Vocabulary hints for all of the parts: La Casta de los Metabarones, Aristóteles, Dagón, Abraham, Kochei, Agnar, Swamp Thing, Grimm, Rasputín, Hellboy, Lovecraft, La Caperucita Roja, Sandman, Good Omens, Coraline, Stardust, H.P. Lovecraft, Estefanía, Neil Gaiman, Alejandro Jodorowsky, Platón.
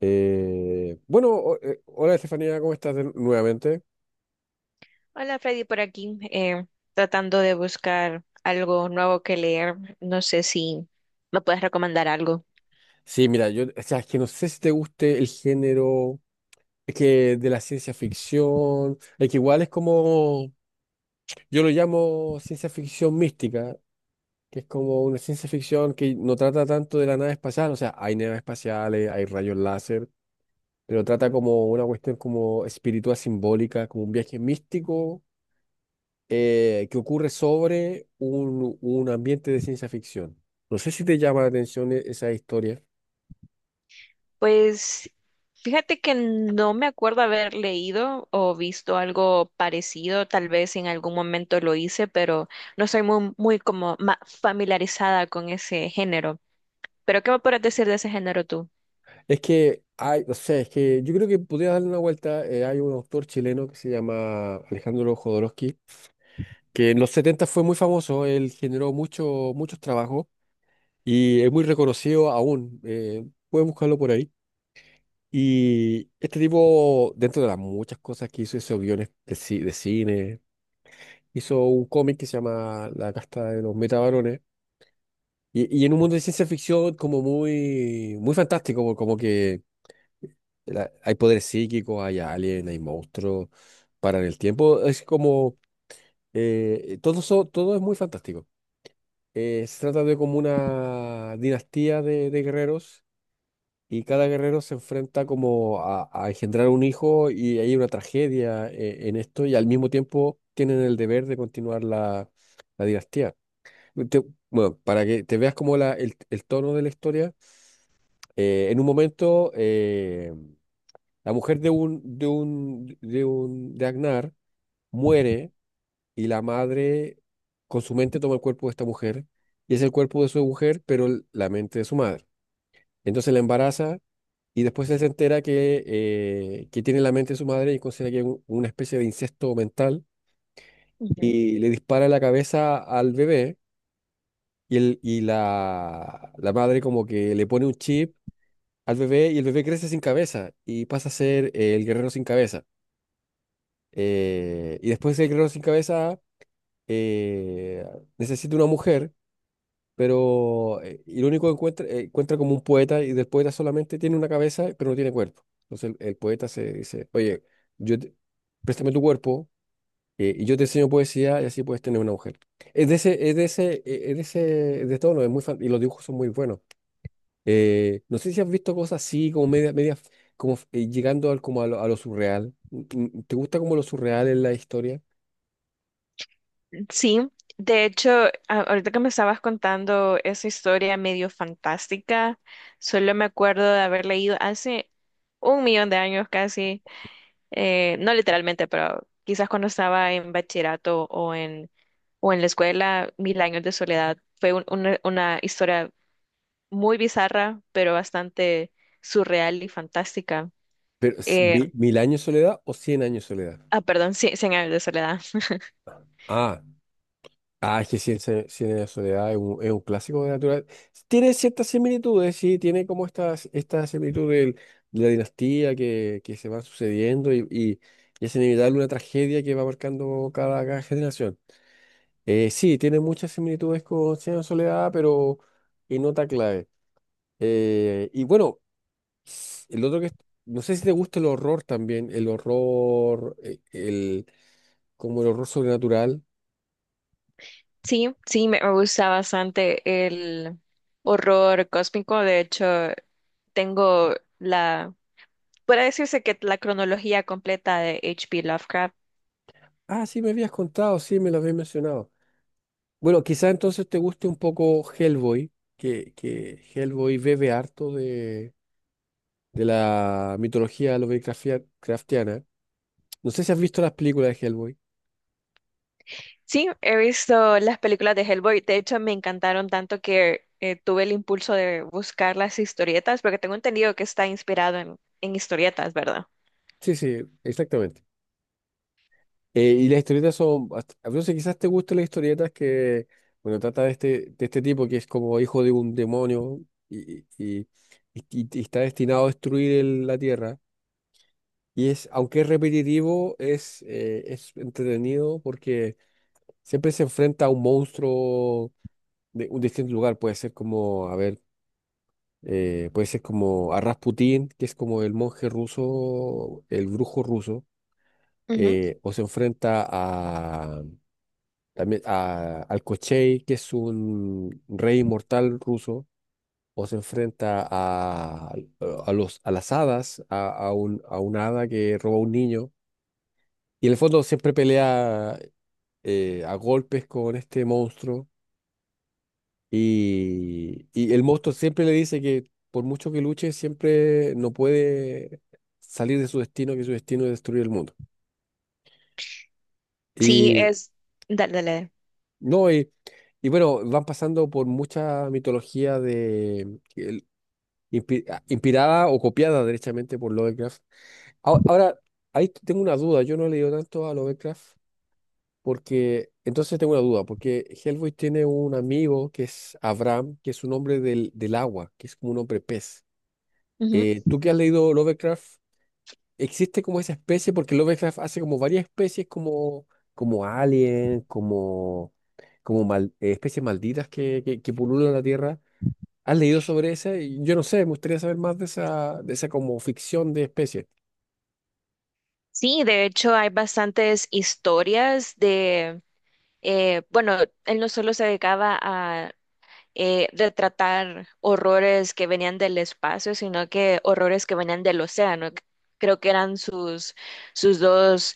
Hola Estefanía, ¿cómo estás nuevamente? Hola Freddy, por aquí, tratando de buscar algo nuevo que leer. No sé si me puedes recomendar algo. Sí, mira, yo, o sea, es que no sé si te guste el género, es que de la ciencia ficción, es que igual es como, yo lo llamo ciencia ficción mística, que es como una ciencia ficción que no trata tanto de la nave espacial, o sea, hay naves espaciales, hay rayos láser, pero trata como una cuestión como espiritual simbólica, como un viaje místico, que ocurre sobre un ambiente de ciencia ficción. No sé si te llama la atención esa historia. Pues fíjate que no me acuerdo haber leído o visto algo parecido. Tal vez en algún momento lo hice, pero no soy muy, muy como familiarizada con ese género. ¿Pero qué me puedes decir de ese género tú? Es que hay, no sé, es que yo creo que podría darle una vuelta. Hay un autor chileno que se llama Alejandro Jodorowsky, que en los 70 fue muy famoso, él generó muchos trabajos y es muy reconocido aún. Pueden buscarlo por ahí. Y este tipo, dentro de las muchas cosas que hizo, hizo guiones de cine, hizo un cómic que se llama La Casta de los Metabarones. Y en un mundo de ciencia ficción como muy, muy fantástico, como que hay poderes psíquicos, hay aliens, hay monstruos, paran el tiempo. Es como, todo, todo es muy fantástico. Se trata de como una dinastía de guerreros y cada guerrero se enfrenta como a engendrar un hijo y hay una tragedia, en esto y al mismo tiempo tienen el deber de continuar la dinastía. Te- bueno, para que te veas como el tono de la historia. En un momento, la mujer de Agnar muere y la madre con su mente toma el cuerpo de esta mujer y es el cuerpo de su mujer, pero la mente de su madre. Entonces la embaraza y después él se entera que tiene la mente de su madre y considera que es una especie de incesto mental y le dispara en la cabeza al bebé la madre como que le pone un chip al bebé y el bebé crece sin cabeza y pasa a ser el guerrero sin cabeza. Y después el guerrero sin cabeza eh, necesita una mujer, pero y lo único que encuentra como un poeta y del poeta solamente tiene una cabeza, pero no tiene cuerpo. Entonces el poeta se dice, oye, yo te- préstame tu cuerpo, y yo te enseño poesía y así puedes tener una mujer. Es de ese, es de ese, es de ese, de tono, es y los dibujos son muy buenos. No sé si has visto cosas así, como media, media, como, llegando como a lo surreal. Mm, ¿te gusta como lo surreal en la historia? Sí, de hecho, ahorita que me estabas contando esa historia medio fantástica, solo me acuerdo de haber leído hace un millón de años casi, no literalmente, pero quizás cuando estaba en bachillerato o en la escuela, Mil años de soledad. Fue una historia muy bizarra, pero bastante surreal y fantástica. Pero, Eh, ¿Mil años de soledad o Cien años de soledad? Perdón, sí, Cien años de soledad. Ah, ah, es que Cien años de soledad es es un clásico de natural. Tiene ciertas similitudes, sí, tiene como esta similitud de la dinastía que se va sucediendo y es inevitable una tragedia que va marcando cada generación. Sí, tiene muchas similitudes con Cien años de soledad, pero en nota clave. Y bueno, s- el otro que es- no sé si te gusta el horror también, el horror, como el horror sobrenatural. Sí, sí, me gusta bastante el horror cósmico. De hecho, tengo la, puede decirse que la cronología completa de H.P. Lovecraft. Ah, sí, me habías contado, sí, me lo habías mencionado. Bueno, quizá entonces te guste un poco Hellboy, que Hellboy bebe harto de la mitología craftiana. No sé si has visto las películas de Hellboy. Sí, he visto las películas de Hellboy. De hecho, me encantaron tanto que tuve el impulso de buscar las historietas, porque tengo entendido que está inspirado en historietas, ¿verdad? Sí, sí, exactamente. Y las historietas a veces quizás te gusten las historietas que, bueno, trata de este tipo que es como hijo de un demonio y, y, y está destinado a destruir la Tierra. Y es, aunque es repetitivo, es entretenido porque siempre se enfrenta a un monstruo de un distinto lugar. Puede ser como, a ver, puede ser como a Rasputín, que es como el monje ruso, el brujo ruso, Ujú. eh, o se enfrenta también al Kochei, que es un rey inmortal ruso, o se enfrenta a las hadas, a una hada que roba a un niño. Y en el fondo siempre pelea, a golpes con este monstruo. Y el monstruo siempre le dice que por mucho que luche, siempre no puede salir de su destino, que su destino es destruir el mundo. Sí, Y es... Dale, dale. no, y bueno, van pasando por mucha mitología de... Inspirada o copiada derechamente por Lovecraft. Ahora, ahora, Ahí tengo una duda, yo no he leído tanto a Lovecraft porque, entonces tengo una duda, porque Hellboy tiene un amigo que es Abraham, que es un hombre del agua, que es como un hombre pez. Ujú. ¿Tú que has leído Lovecraft? ¿Existe como esa especie? Porque Lovecraft hace como varias especies como, como alien, especies malditas que pululan la Tierra. ¿Has leído sobre esa? Y yo no sé, me gustaría saber más de esa como ficción de especies. Sí, de hecho hay bastantes historias bueno, él no solo se dedicaba a retratar horrores que venían del espacio, sino que horrores que venían del océano. Creo que eran sus dos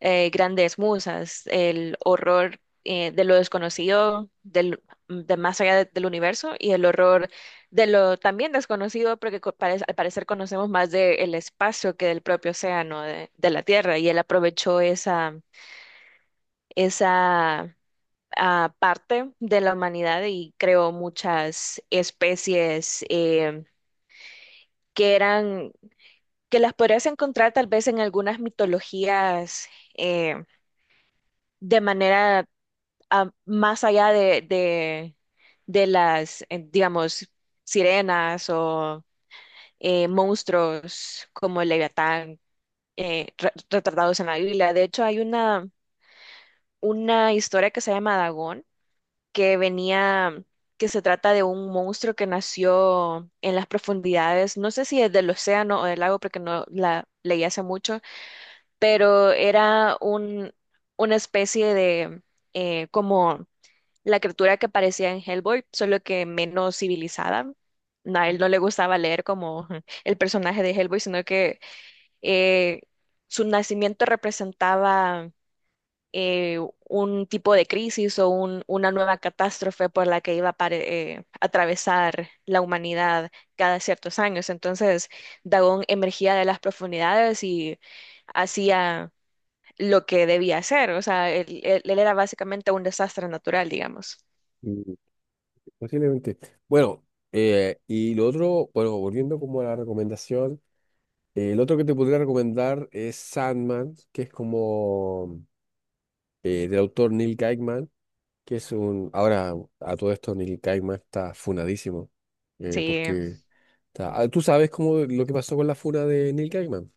grandes musas, el horror de lo desconocido, del, de más allá del universo, y el horror de lo también desconocido, porque al parecer conocemos más del espacio que del propio océano, de la Tierra, y él aprovechó esa parte de la humanidad y creó muchas especies que eran, que las podrías encontrar tal vez en algunas mitologías eh, de manera más allá de las, digamos, sirenas o monstruos como el Leviatán retratados en la Biblia. De hecho, hay una historia que se llama Dagón que venía, que se trata de un monstruo que nació en las profundidades, no sé si es del océano o del lago, porque no la leí hace mucho, pero era un, una especie de, como la criatura que parecía en Hellboy, solo que menos civilizada. No, a él no le gustaba leer como el personaje de Hellboy, sino que eh, su nacimiento representaba eh, un tipo de crisis o una nueva catástrofe por la que iba a atravesar la humanidad cada ciertos años. Entonces, Dagón emergía de las profundidades y hacía lo que debía hacer. O sea, él era básicamente un desastre natural, digamos. Mm, posiblemente. Bueno, y lo otro, bueno, volviendo como a la recomendación, el otro que te podría recomendar es Sandman, que es como, del autor Neil Gaiman, ahora a todo esto Neil Gaiman está funadísimo, Sí, porque tú sabes cómo lo que pasó con la funa de Neil Gaiman.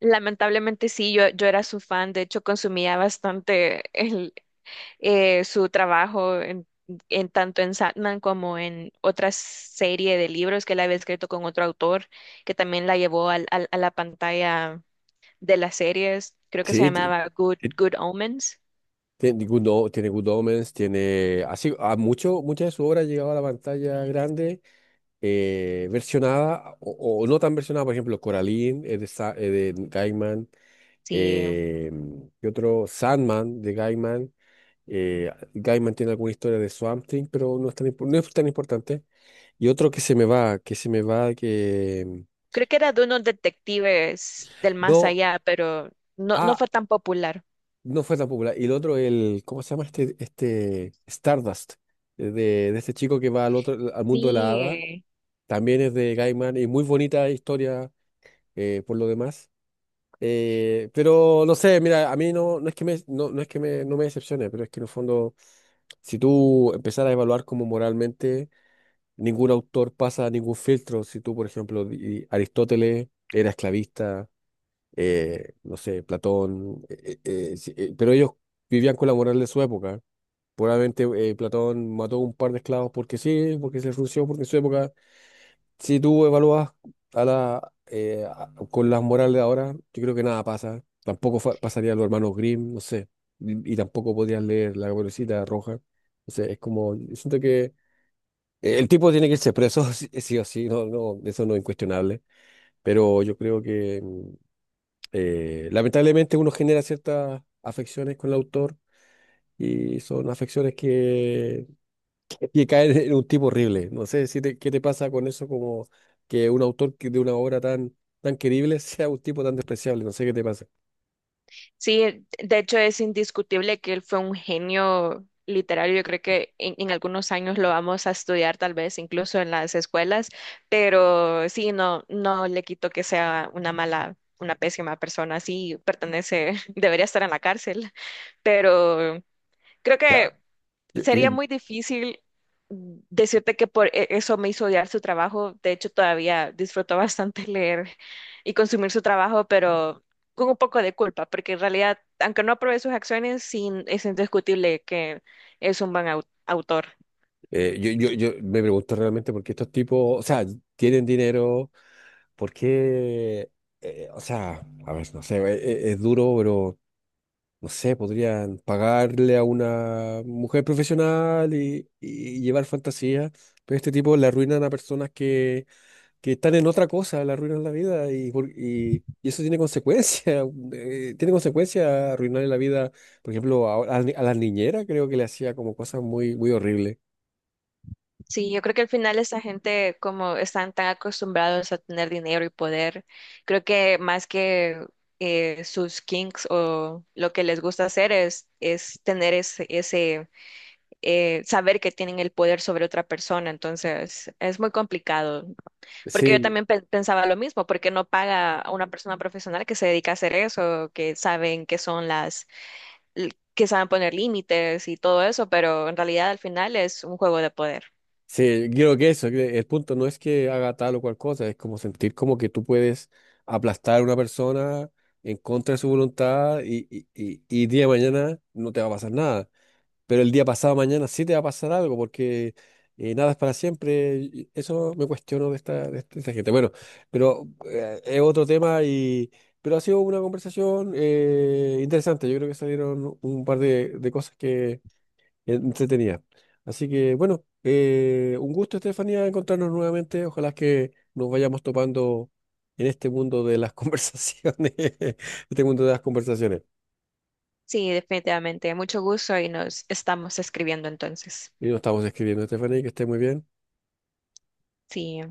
lamentablemente sí, yo era su fan, de hecho consumía bastante su trabajo en tanto en Sandman como en otra serie de libros que él había escrito con otro autor, que también la llevó a la pantalla de las series. Creo que se Sí, te, llamaba Good Omens. Tiene Good, tiene Good Omens, tiene así, muchas de su obra ha llegado a la pantalla grande, versionada o no tan versionada, por ejemplo, Coraline es de Gaiman, Sí, eh, y otro Sandman de Gaiman. Gaiman tiene alguna historia de Swamp Thing, pero no es tan, no es tan importante. Y otro que se me va, que... creo que era de unos detectives del más No, allá, pero no, no ah, fue tan popular. No, fue tan popular. Y el otro, ¿cómo se llama este Stardust? De este chico que va al otro, al mundo de la hada. Sí, También es de Gaiman y muy bonita historia por lo demás. Pero no sé, mira, a mí no es que me, no es que me, no me decepcione, pero es que en el fondo, si tú empezaras a evaluar como moralmente, ningún autor pasa ningún filtro. Si tú, por ejemplo, Aristóteles era esclavista, no sé, Platón, sí, pero ellos vivían con la moral de su época. Probablemente, Platón mató un par de esclavos porque sí, porque se le frunció, porque en su época, si tú evalúas con las morales de ahora, yo creo que nada pasa. Tampoco pasaría a los hermanos Grimm, no sé, y tampoco podrías leer La Caperucita Roja. No sé, es como, yo siento que, el tipo tiene que irse preso, sí, sí o sí, no, no, eso no es incuestionable, pero yo creo que... lamentablemente uno genera ciertas afecciones con el autor y son afecciones que caen en un tipo horrible. No sé si te- qué te pasa con eso, como que un autor que de una obra tan, tan querible sea un tipo tan despreciable. No sé qué te pasa. sí, de hecho es indiscutible que él fue un genio literario. Yo creo que en algunos años lo vamos a estudiar, tal vez incluso en las escuelas, pero sí, no, no le quito que sea una mala, una pésima persona. Sí, pertenece, debería estar en la cárcel, pero creo que Yo, sería muy difícil decirte que por eso me hizo odiar su trabajo. De hecho, todavía disfruto bastante leer y consumir su trabajo, pero con un poco de culpa, porque en realidad, aunque no apruebe sus acciones, sí, es indiscutible que es un buen autor. yo me pregunto realmente por qué estos tipos, o sea, tienen dinero, por qué, o sea, a ver, no sé, es, duro, pero no sé, podrían pagarle a una mujer profesional y llevar fantasía, pero este tipo le arruinan a personas que están en otra cosa, le arruinan la vida y eso tiene consecuencias, tiene consecuencias arruinarle la vida, por ejemplo, a, ni- a las niñeras creo que le hacía como cosas muy, muy horribles. Sí, yo creo que al final esta gente, como están tan acostumbrados a tener dinero y poder, creo que más que sus kinks o lo que les gusta hacer es tener ese, ese saber que tienen el poder sobre otra persona. Entonces, es muy complicado. Porque yo Sí, también pensaba lo mismo, porque no paga a una persona profesional que se dedica a hacer eso, que saben que son que saben poner límites y todo eso, pero en realidad al final es un juego de poder. sí, creo que eso, que el punto no es que haga tal o cual cosa, es como sentir como que tú puedes aplastar a una persona en contra de su voluntad y día de mañana no te va a pasar nada, pero el día pasado mañana sí te va a pasar algo porque, nada es para siempre, y eso me cuestiono de esta gente. Bueno, pero, es otro tema y... Pero ha sido una conversación, interesante, yo creo que salieron un par de cosas entretenida. Así que bueno, un gusto, Estefanía, encontrarnos nuevamente. Ojalá que nos vayamos topando en este mundo de las conversaciones, este mundo de las conversaciones. Sí, definitivamente. Mucho gusto y nos estamos escribiendo entonces. Y nos estamos escribiendo, Estefanía, que esté muy bien. Sí.